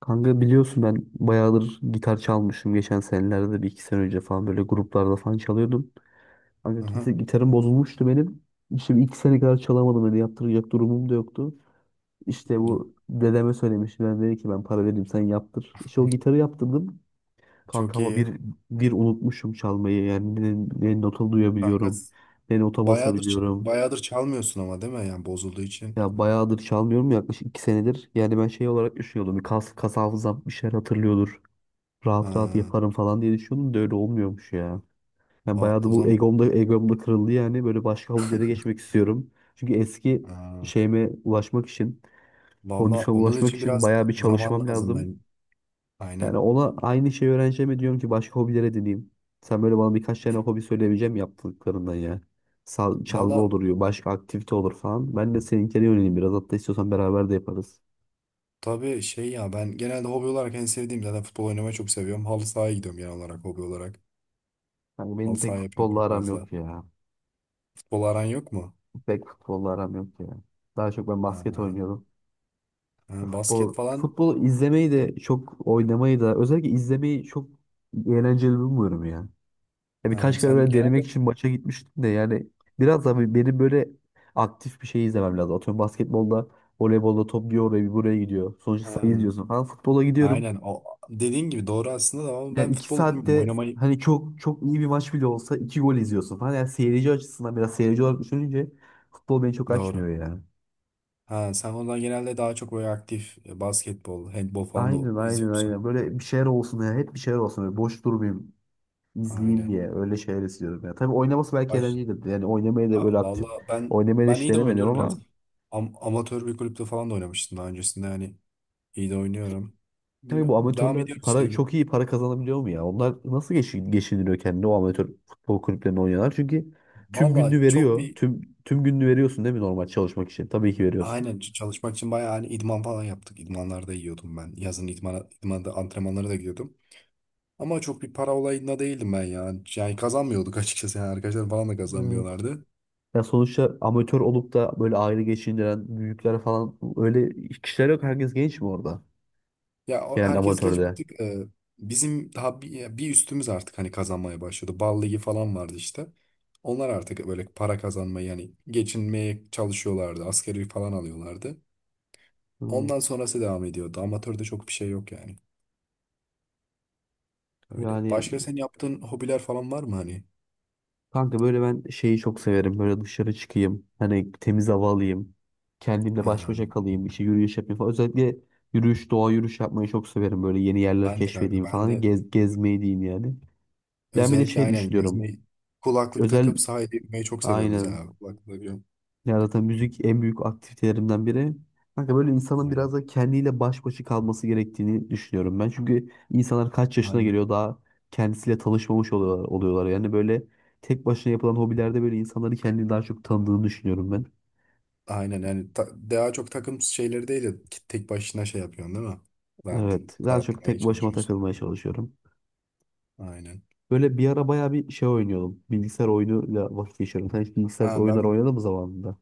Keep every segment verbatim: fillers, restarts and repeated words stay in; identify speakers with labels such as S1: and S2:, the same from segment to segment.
S1: Kanka biliyorsun ben bayağıdır gitar çalmışım. Geçen senelerde bir iki sene önce falan böyle gruplarda falan çalıyordum. Kanka
S2: Aha.
S1: git- gitarım bozulmuştu benim. İşte bir iki sene kadar çalamadım. Öyle yaptıracak durumum da yoktu. İşte bu dedeme söylemiştim. Ben dedi ki ben para vereyim sen yaptır. İşte o gitarı yaptırdım. Kanka
S2: Çok
S1: ama
S2: iyi.
S1: bir, bir unutmuşum çalmayı. Yani ne, ne nota
S2: Kanka
S1: duyabiliyorum. Ne nota
S2: bayağıdır
S1: basabiliyorum.
S2: bayağıdır çalmıyorsun ama değil mi? Yani bozulduğu için.
S1: Ya bayağıdır çalmıyorum yaklaşık iki senedir. Yani ben şey olarak düşünüyordum. Bir kas, kas hafızam bir şeyler hatırlıyordur. Rahat rahat
S2: Ha,
S1: yaparım falan diye düşünüyordum da öyle olmuyormuş ya. Yani
S2: o,
S1: bayağı da
S2: o
S1: bu
S2: zaman
S1: egom da, egom da kırıldı, yani böyle başka hobilere geçmek istiyorum. Çünkü eski
S2: Ha,
S1: şeyime ulaşmak için,
S2: Valla
S1: kondisyona
S2: onun
S1: ulaşmak
S2: için
S1: için
S2: biraz
S1: bayağı bir
S2: zaman
S1: çalışmam
S2: lazım ben.
S1: lazım.
S2: Aynen.
S1: Yani ona aynı şeyi öğreneceğime diyorum ki başka hobilere edineyim. Sen böyle bana birkaç tane
S2: Ben-
S1: hobi söyleyebileceğim mi yaptıklarından ya. Sal- çalgı
S2: Valla,
S1: olur, başka aktivite olur falan. Ben de seninkine yöneleyim biraz. Hatta istiyorsan beraber de yaparız.
S2: tabii şey ya, ben genelde hobi olarak en sevdiğim zaten futbol oynamayı çok seviyorum. Halı sahaya gidiyorum genel olarak hobi olarak.
S1: Yani
S2: Halı
S1: benim pek
S2: saha yapıyorum
S1: futbolla
S2: çok
S1: aram
S2: fazla.
S1: yok ya.
S2: Futbol aran yok mu?
S1: Pek futbolla aram yok ya. Daha çok ben basket
S2: Ha,
S1: oynuyorum.
S2: ha,
S1: Futbol,
S2: basket falan.
S1: futbolu izlemeyi de çok oynamayı da özellikle izlemeyi çok eğlenceli bulmuyorum ya. Ya
S2: Ha,
S1: birkaç kere
S2: sen
S1: böyle denemek
S2: genelde
S1: için maça gitmiştim de yani biraz da bir- benim böyle aktif bir şey izlemem lazım. Atıyorum basketbolda, voleybolda top bir oraya bir buraya gidiyor. Sonuçta
S2: ha,
S1: sayı izliyorsun falan. Futbola gidiyorum.
S2: Aynen, o dediğin gibi doğru aslında da ama ben
S1: Yani iki
S2: futbolu bilmiyorum
S1: saatte
S2: oynamayı,
S1: hani çok çok iyi bir maç bile olsa iki gol izliyorsun falan. Yani seyirci açısından biraz, seyirci olarak düşününce futbol beni çok
S2: doğru.
S1: açmıyor yani.
S2: Ha sen ondan genelde daha çok böyle aktif e, basketbol, handbol falan da
S1: Aynen, aynen,
S2: izliyor musun?
S1: aynen. Böyle bir şeyler olsun ya. Hep bir şeyler olsun. Böyle boş durmayayım, izleyeyim
S2: Aynen.
S1: diye öyle şeyler istiyorum ya. Tabii oynaması belki
S2: Baş,
S1: eğlencelidir. Yani oynamayı da böyle
S2: A-
S1: aktif
S2: vallahi ben
S1: oynamayı da
S2: ben
S1: hiç
S2: iyi de
S1: denemedim
S2: oynuyorum biraz.
S1: ama
S2: Am- amatör bir kulüpte falan da oynamıştım daha öncesinde, hani iyi de oynuyorum.
S1: tabii bu
S2: Bilmiyorum. Devam
S1: amatörler
S2: ediyoruz
S1: para,
S2: işte.
S1: çok iyi para kazanabiliyor mu ya? Onlar nasıl geçin, geçindiriyor kendini, o amatör futbol kulüplerinde oynayanlar? Çünkü tüm
S2: Vallahi
S1: gününü
S2: çok
S1: veriyor.
S2: bir
S1: Tüm tüm gününü veriyorsun değil mi, normal çalışmak için? Tabii ki veriyorsun.
S2: aynen ç- çalışmak için bayağı, hani idman falan yaptık. İdmanlarda yiyordum ben. Yazın idmana, idmanda antrenmanlara da gidiyordum. Ama çok bir para olayında değildim ben ya. Yani kazanmıyorduk açıkçası. Yani arkadaşlar falan da
S1: Evet.
S2: kazanmıyorlardı.
S1: Ya sonuçta amatör olup da böyle aile geçindiren büyükler falan, öyle kişiler yok. Herkes genç mi orada?
S2: Ya o-
S1: Genel
S2: herkes genç bir
S1: amatörde.
S2: tık e, bizim daha bir, bir üstümüz artık hani kazanmaya başladı. Bal ligi falan vardı işte. Onlar artık böyle para kazanmayı, yani geçinmeye çalışıyorlardı. Asgari falan alıyorlardı.
S1: Hı.
S2: Ondan sonrası devam ediyordu. Amatörde çok bir şey yok yani. Öyle.
S1: Yani
S2: Başka senin yaptığın hobiler falan var mı hani?
S1: kanka böyle ben şeyi çok severim. Böyle dışarı çıkayım, hani temiz hava alayım, kendimle
S2: Ha,
S1: baş başa kalayım. İşte yürüyüş yapayım falan. Özellikle yürüyüş, doğa yürüyüş yapmayı çok severim. Böyle yeni yerler
S2: ben de kanka,
S1: keşfedeyim
S2: ben
S1: falan.
S2: de
S1: Gez, gezmeyi diyeyim yani. Ben bir de
S2: özellikle
S1: şey
S2: aynen
S1: düşünüyorum.
S2: gezmeyi, kulaklık
S1: Özel
S2: takıp sahile gitmeyi çok seviyorum
S1: aynen
S2: mesela. Kulaklık takıyorum.
S1: ya zaten müzik en büyük aktivitelerimden biri. Kanka böyle insanın biraz
S2: Aynen.
S1: da kendiyle baş başa kalması gerektiğini düşünüyorum ben. Çünkü insanlar kaç yaşına
S2: Aynen.
S1: geliyor daha kendisiyle tanışmamış oluyorlar, oluyorlar. Yani böyle tek başına yapılan hobilerde böyle insanları, kendini daha çok tanıdığını düşünüyorum ben.
S2: Aynen, yani ta- daha çok takım şeyleri değil de ki- tek başına şey yapıyorsun değil mi? Rahat,
S1: Evet, daha çok
S2: rahatlamaya
S1: tek başıma
S2: çalışıyorsun.
S1: takılmaya çalışıyorum.
S2: Aynen.
S1: Böyle bir ara bayağı bir şey oynuyordum. Bilgisayar oyunuyla vakit geçiriyorum. Sen hiç bilgisayar
S2: Ha
S1: oyunları
S2: ben
S1: oynadın mı zamanında?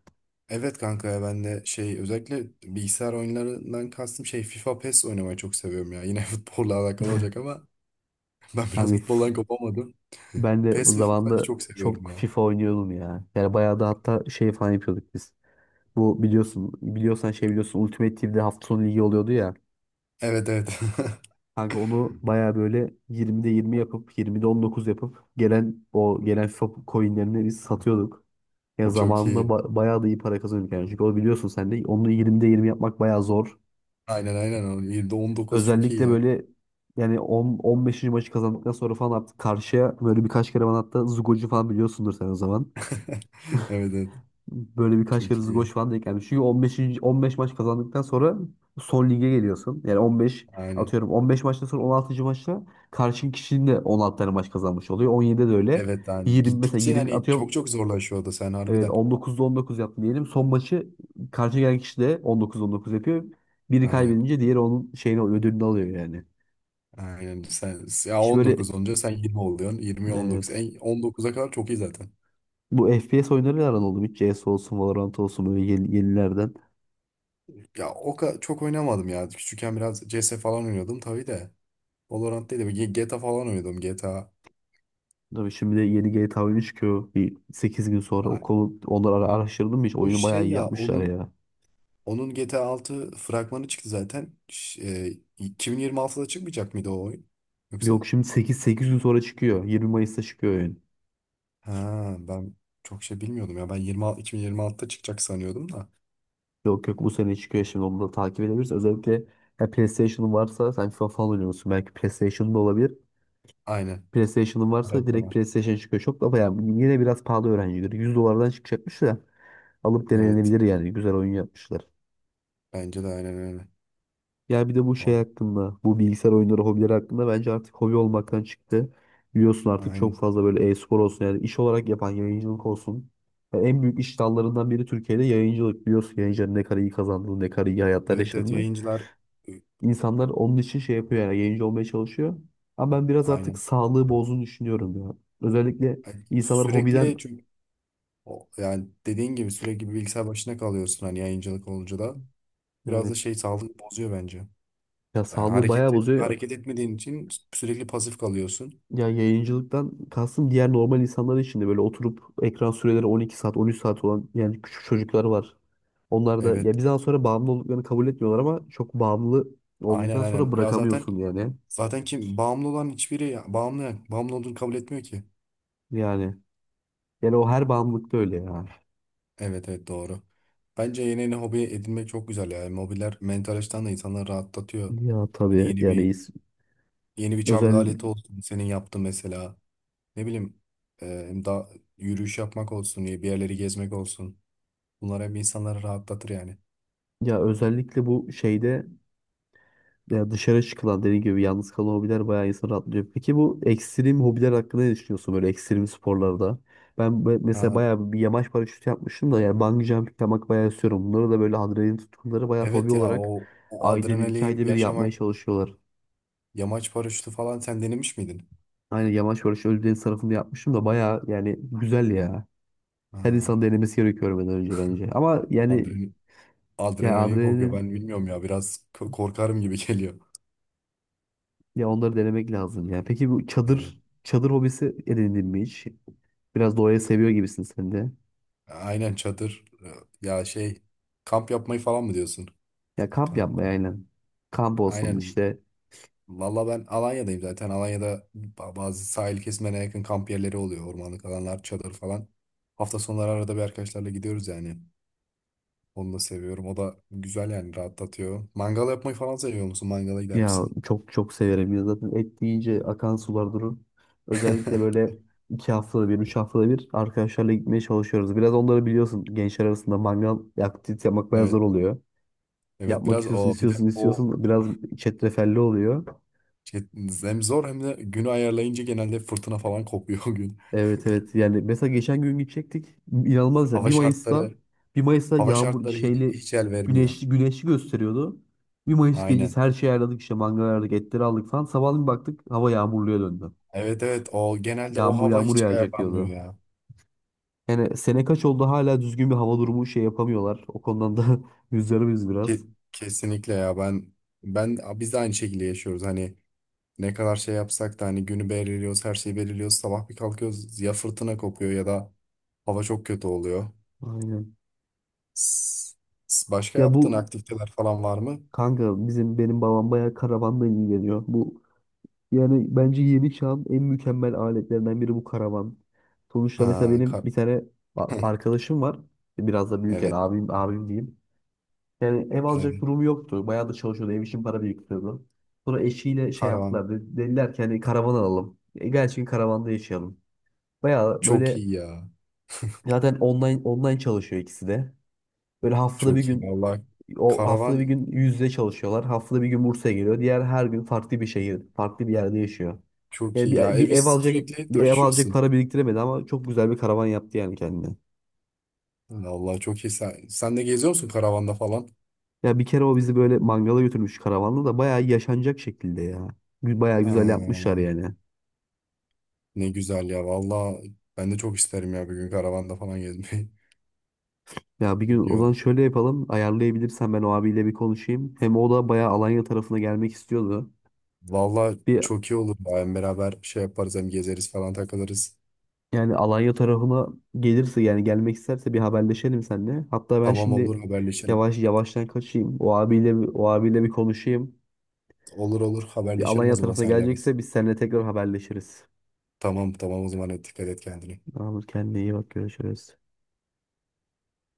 S2: evet kanka ya, ben de şey, özellikle bilgisayar oyunlarından kastım şey, FIFA PES oynamayı çok seviyorum ya. Yine futbolla alakalı olacak ama ben biraz
S1: Hani f-
S2: futboldan kopamadım.
S1: ben de
S2: PES ve FIFA'yı
S1: zamanında
S2: çok seviyorum
S1: çok
S2: ya.
S1: FIFA oynuyordum ya. Yani bayağı da hatta şey falan yapıyorduk biz. Bu biliyorsun biliyorsan şey biliyorsun Ultimate Team'de hafta sonu ligi oluyordu ya.
S2: Evet, evet.
S1: Kanka onu baya böyle yirmide yirmi yapıp yirmide on dokuz yapıp gelen o gelen FIFA coinlerini biz satıyorduk. Ya
S2: Çok
S1: zamanında
S2: iyi.
S1: ba- bayağı da iyi para kazanıyorduk yani. Çünkü o, biliyorsun sen de onu yirmide yirmi yapmak bayağı zor.
S2: Aynen, aynen. o. on dokuz çok iyi
S1: Özellikle
S2: ya.
S1: böyle yani on, on beşinci maçı kazandıktan sonra falan artık karşıya böyle birkaç kere, bana hatta Zugo'cu falan biliyorsundur sen o zaman.
S2: Evet, evet.
S1: Böyle birkaç kere
S2: Çok
S1: zgoş
S2: iyi.
S1: falan denk gelmiş. Çünkü on beş. on beş maç kazandıktan sonra son lige geliyorsun. Yani on beş,
S2: Aynen.
S1: atıyorum on beş maçtan sonra on altıncı maçta karşın kişinin de on altı tane maç kazanmış oluyor. on yedide de öyle.
S2: Evet, yani
S1: yirmi mesela,
S2: gittikçe
S1: yirmi
S2: hani çok
S1: atıyorum,
S2: çok zorlaşıyor o da sen
S1: evet
S2: harbiden.
S1: on dokuzda on dokuz yaptı diyelim. Son maçı karşı gelen kişi de on dokuz on dokuz yapıyor. Biri
S2: Aynen.
S1: kaybedince diğeri onun şeyini ödülünü alıyor yani.
S2: Aynen, sen ya
S1: İşte
S2: on
S1: böyle,
S2: dokuz olunca sen yirmi oluyorsun, yirmiye on dokuz.
S1: evet.
S2: En on dokuza kadar çok iyi zaten.
S1: Bu F P S oyunları aran oldu mu? Hiç C S olsun, Valorant olsun, böyle yeni, yenilerden.
S2: Ya o kadar çok oynamadım ya. Küçükken biraz C S falan oynuyordum tabii de. Valorant değil de G- GTA falan oynuyordum G T A.
S1: Tabii şimdi de yeni G T A oyunu çıkıyor. Bir sekiz gün sonra, o
S2: Aynen.
S1: konu onları ara- araştırdım hiç.
S2: O
S1: Oyunu bayağı
S2: şey
S1: iyi
S2: ya
S1: yapmışlar
S2: onun
S1: ya.
S2: onun G T A altı fragmanı çıktı zaten. Ş- e, iki bin yirmi altıda çıkmayacak mıydı o oyun? Yoksa
S1: Yok şimdi sekiz sekiz gün sonra çıkıyor. yirmi Mayıs'ta çıkıyor oyun.
S2: ha ben çok şey bilmiyordum ya. Ben yirmi, iki bin yirmi altıda çıkacak sanıyordum da.
S1: Yok, yok, bu sene çıkıyor, şimdi onu da takip edebiliriz. Özellikle ya PlayStation'ın varsa, sen FIFA falan oynuyorsun, belki PlayStation'da olabilir.
S2: Aynen.
S1: PlayStation'ın varsa
S2: Arada da
S1: direkt
S2: var.
S1: PlayStation çıkıyor. Çok da bayağı yine biraz pahalı öğrencileri. yüz dolardan çıkacakmış da alıp
S2: Evet.
S1: denenebilir yani. Güzel oyun yapmışlar.
S2: Bence de aynen öyle.
S1: Ya bir de bu şey
S2: Vallahi.
S1: hakkında, bu bilgisayar oyunları, hobileri hakkında bence artık hobi olmaktan çıktı. Biliyorsun, artık çok
S2: Aynen.
S1: fazla böyle e-spor olsun, yani iş olarak yapan yayıncılık olsun. Yani en büyük iş dallarından biri Türkiye'de yayıncılık. Biliyorsun yayıncıların ne kadar iyi kazandığını, ne kadar iyi hayatlar
S2: Evet, evet,
S1: yaşadığını.
S2: yayıncılar e,
S1: İnsanlar onun için şey yapıyor, yani yayıncı olmaya çalışıyor. Ama ben biraz artık
S2: aynen.
S1: sağlığı bozduğunu düşünüyorum ya. Özellikle
S2: Ay,
S1: insanlar hobiden,
S2: sürekli çünkü o, yani dediğin gibi sürekli bir bilgisayar başına kalıyorsun hani yayıncılık olunca da. Biraz da
S1: evet,
S2: şey sağlık bozuyor bence.
S1: ya
S2: Yani
S1: sağlığı bayağı
S2: hareket et-
S1: bozuyor.
S2: hareket etmediğin için sürekli pasif kalıyorsun.
S1: Ya, yayıncılıktan kastım diğer normal insanlar için de, böyle oturup ekran süreleri on iki saat, on üç saat olan yani küçük çocuklar var. Onlar da
S2: Evet.
S1: ya bir zaman sonra bağımlı olduklarını kabul etmiyorlar ama çok bağımlı
S2: Aynen,
S1: olduktan sonra
S2: aynen. Ya zaten
S1: bırakamıyorsun yani.
S2: zaten kim bağımlı olan hiçbiri ya, bağımlı bağımlı olduğunu kabul etmiyor ki.
S1: Yani yani o, her bağımlılıkta öyle ya.
S2: Evet, evet, doğru. Bence yeni yeni hobi edinmek çok güzel ya. Yani hobiler mental açıdan da insanları rahatlatıyor.
S1: Ya
S2: Hani
S1: tabii
S2: yeni
S1: yani
S2: bir
S1: is-
S2: yeni bir çalgı
S1: özel
S2: aleti olsun senin yaptığın mesela. Ne bileyim e, da yürüyüş yapmak olsun, bir yerleri gezmek olsun. Bunlar hep insanları rahatlatır yani.
S1: ya, özellikle bu şeyde. Ya dışarı çıkılan, dediğim gibi yalnız kalan hobiler bayağı insanı rahatlıyor. Peki bu ekstrem hobiler hakkında ne düşünüyorsun, böyle ekstrem sporlarda? Ben be- mesela
S2: Ha,
S1: bayağı bir yamaç paraşütü yapmıştım da, yani bungee jump yapmak bayağı istiyorum. Bunları da böyle adrenalin tutkunları bayağı hobi
S2: evet ya
S1: olarak
S2: o, o
S1: ayda bir, iki ayda
S2: adrenali
S1: bir yapmaya
S2: yaşamak,
S1: çalışıyorlar.
S2: yamaç paraşütü falan sen denemiş miydin?
S1: Aynen, yamaç paraşütü Ölüdeniz tarafında yapmıştım da bayağı, yani güzel ya. Her
S2: Ha,
S1: insan denemesi gerekiyor benden önce, bence. Ama yani
S2: adren,
S1: ya
S2: adrenalin kokuyor
S1: adrenalin
S2: ben bilmiyorum ya, biraz k- korkarım gibi geliyor.
S1: Ya onları denemek lazım ya. Peki bu çadır çadır hobisi edindin mi hiç? Biraz doğayı seviyor gibisin sen de.
S2: Aynen, çadır. Ya şey, kamp yapmayı falan mı diyorsun?
S1: Ya kamp
S2: Kamp.
S1: yapmaya, aynen. Kamp olsun
S2: Aynen.
S1: işte.
S2: Valla ben Alanya'dayım zaten. Alanya'da ba- bazı sahil kesimlerine yakın kamp yerleri oluyor. Ormanlık alanlar, çadır falan. Hafta sonları arada bir arkadaşlarla gidiyoruz yani. Onu da seviyorum. O da güzel yani rahatlatıyor. Mangal yapmayı falan seviyor musun? Mangala gider
S1: Ya
S2: misin?
S1: çok çok severim ya, zaten et deyince akan sular durur. Özellikle böyle iki haftada bir, üç haftada bir arkadaşlarla gitmeye çalışıyoruz. Biraz onları, biliyorsun, gençler arasında mangal aktivite yapmak bayağı zor
S2: Evet.
S1: oluyor.
S2: Evet,
S1: Yapmak
S2: biraz
S1: istiyorsun,
S2: o, bir de
S1: istiyorsun,
S2: o
S1: istiyorsun. Biraz çetrefelli oluyor.
S2: şey, hem zor hem de günü ayarlayınca genelde fırtına falan kopuyor o gün.
S1: Evet, evet, yani mesela geçen gün gidecektik, inanılmaz ya,
S2: Hava
S1: bir Mayıs'ta,
S2: şartları
S1: bir Mayıs'ta
S2: hava
S1: yağmur
S2: şartları hiç,
S1: şeyli
S2: hiç el vermiyor.
S1: güneşli, güneşli gösteriyordu. Bir Mayıs
S2: Aynen.
S1: gecesi her şeyi ayarladık, işte mangal ayarladık, etleri aldık falan, sabahleyin baktık hava yağmurluya döndü.
S2: Evet, evet, o genelde o
S1: Yağmur
S2: hava
S1: yağmur
S2: hiç
S1: yağacak
S2: ayarlanmıyor
S1: diyordu.
S2: ya.
S1: Yani sene kaç oldu, hala düzgün bir hava durumu şey yapamıyorlar. O konudan da üzülürüz
S2: Ke-
S1: biraz.
S2: kesinlikle ya ben ben biz de aynı şekilde yaşıyoruz. Hani ne kadar şey yapsak da hani günü belirliyoruz, her şeyi belirliyoruz. Sabah bir kalkıyoruz ya fırtına kopuyor ya da hava çok kötü oluyor.
S1: Aynen.
S2: S- s- Başka
S1: Ya
S2: yaptığın
S1: bu
S2: aktiviteler falan var mı?
S1: kanka bizim benim babam bayağı karavanla ilgileniyor. Bu Yani bence yeni çağın en mükemmel aletlerinden biri bu karavan. Sonuçta
S2: Ha,
S1: mesela benim
S2: kar
S1: bir tane a- arkadaşım var. Biraz da büyük, yani
S2: Evet,
S1: abim, abim diyeyim. Yani ev
S2: evet.
S1: alacak durumu yoktu. Bayağı da çalışıyordu. Ev için para biriktiriyordu. Sonra eşiyle şey
S2: Karavan
S1: yaptılar, de- Dediler ki hani karavan alalım. E, gelsin karavanda yaşayalım. Bayağı
S2: çok
S1: böyle
S2: iyi ya.
S1: zaten online online çalışıyor ikisi de. Böyle haftada bir
S2: Çok iyi
S1: gün
S2: vallahi.
S1: O haftada bir
S2: Karavan
S1: gün yüz yüze çalışıyorlar. Haftada bir gün Bursa'ya geliyor. Diğer her gün farklı bir şehir, farklı bir yerde yaşıyor.
S2: çok
S1: Yani
S2: iyi ya.
S1: bir, bir
S2: Evi
S1: ev alacak
S2: sürekli
S1: bir ev alacak
S2: taşıyorsun.
S1: para biriktiremedi ama çok güzel bir karavan yaptı yani kendine.
S2: Vallahi çok iyi. Sen, sen de geziyor musun karavanda falan?
S1: Ya bir kere o bizi böyle mangala götürmüş, karavanla da bayağı yaşanacak şekilde ya. Gü- Bayağı güzel yapmışlar
S2: Ha,
S1: yani.
S2: ne güzel ya. Vallahi ben de çok isterim ya bir gün karavanda falan gezmeyi.
S1: Ya bir gün
S2: Çok
S1: o
S2: iyi
S1: zaman
S2: olur.
S1: şöyle yapalım. Ayarlayabilirsen ben o abiyle bir konuşayım. Hem o da bayağı Alanya tarafına gelmek istiyordu.
S2: Vallahi
S1: Bir
S2: çok iyi olur ya. Hem beraber şey yaparız hem gezeriz falan takılırız.
S1: Yani Alanya tarafına gelirse, yani gelmek isterse bir haberleşelim seninle. Hatta ben
S2: Tamam, olur,
S1: şimdi
S2: haberleşelim.
S1: yavaş yavaştan kaçayım. O abiyle bir- o abiyle bir konuşayım.
S2: Olur, olur,
S1: Bir
S2: haberleşelim o
S1: Alanya
S2: zaman
S1: tarafına
S2: senle biz.
S1: gelecekse biz seninle tekrar haberleşiriz.
S2: Tamam, tamam, o zaman hadi dikkat et kendine.
S1: Tamamdır, kendine iyi bak, görüşürüz.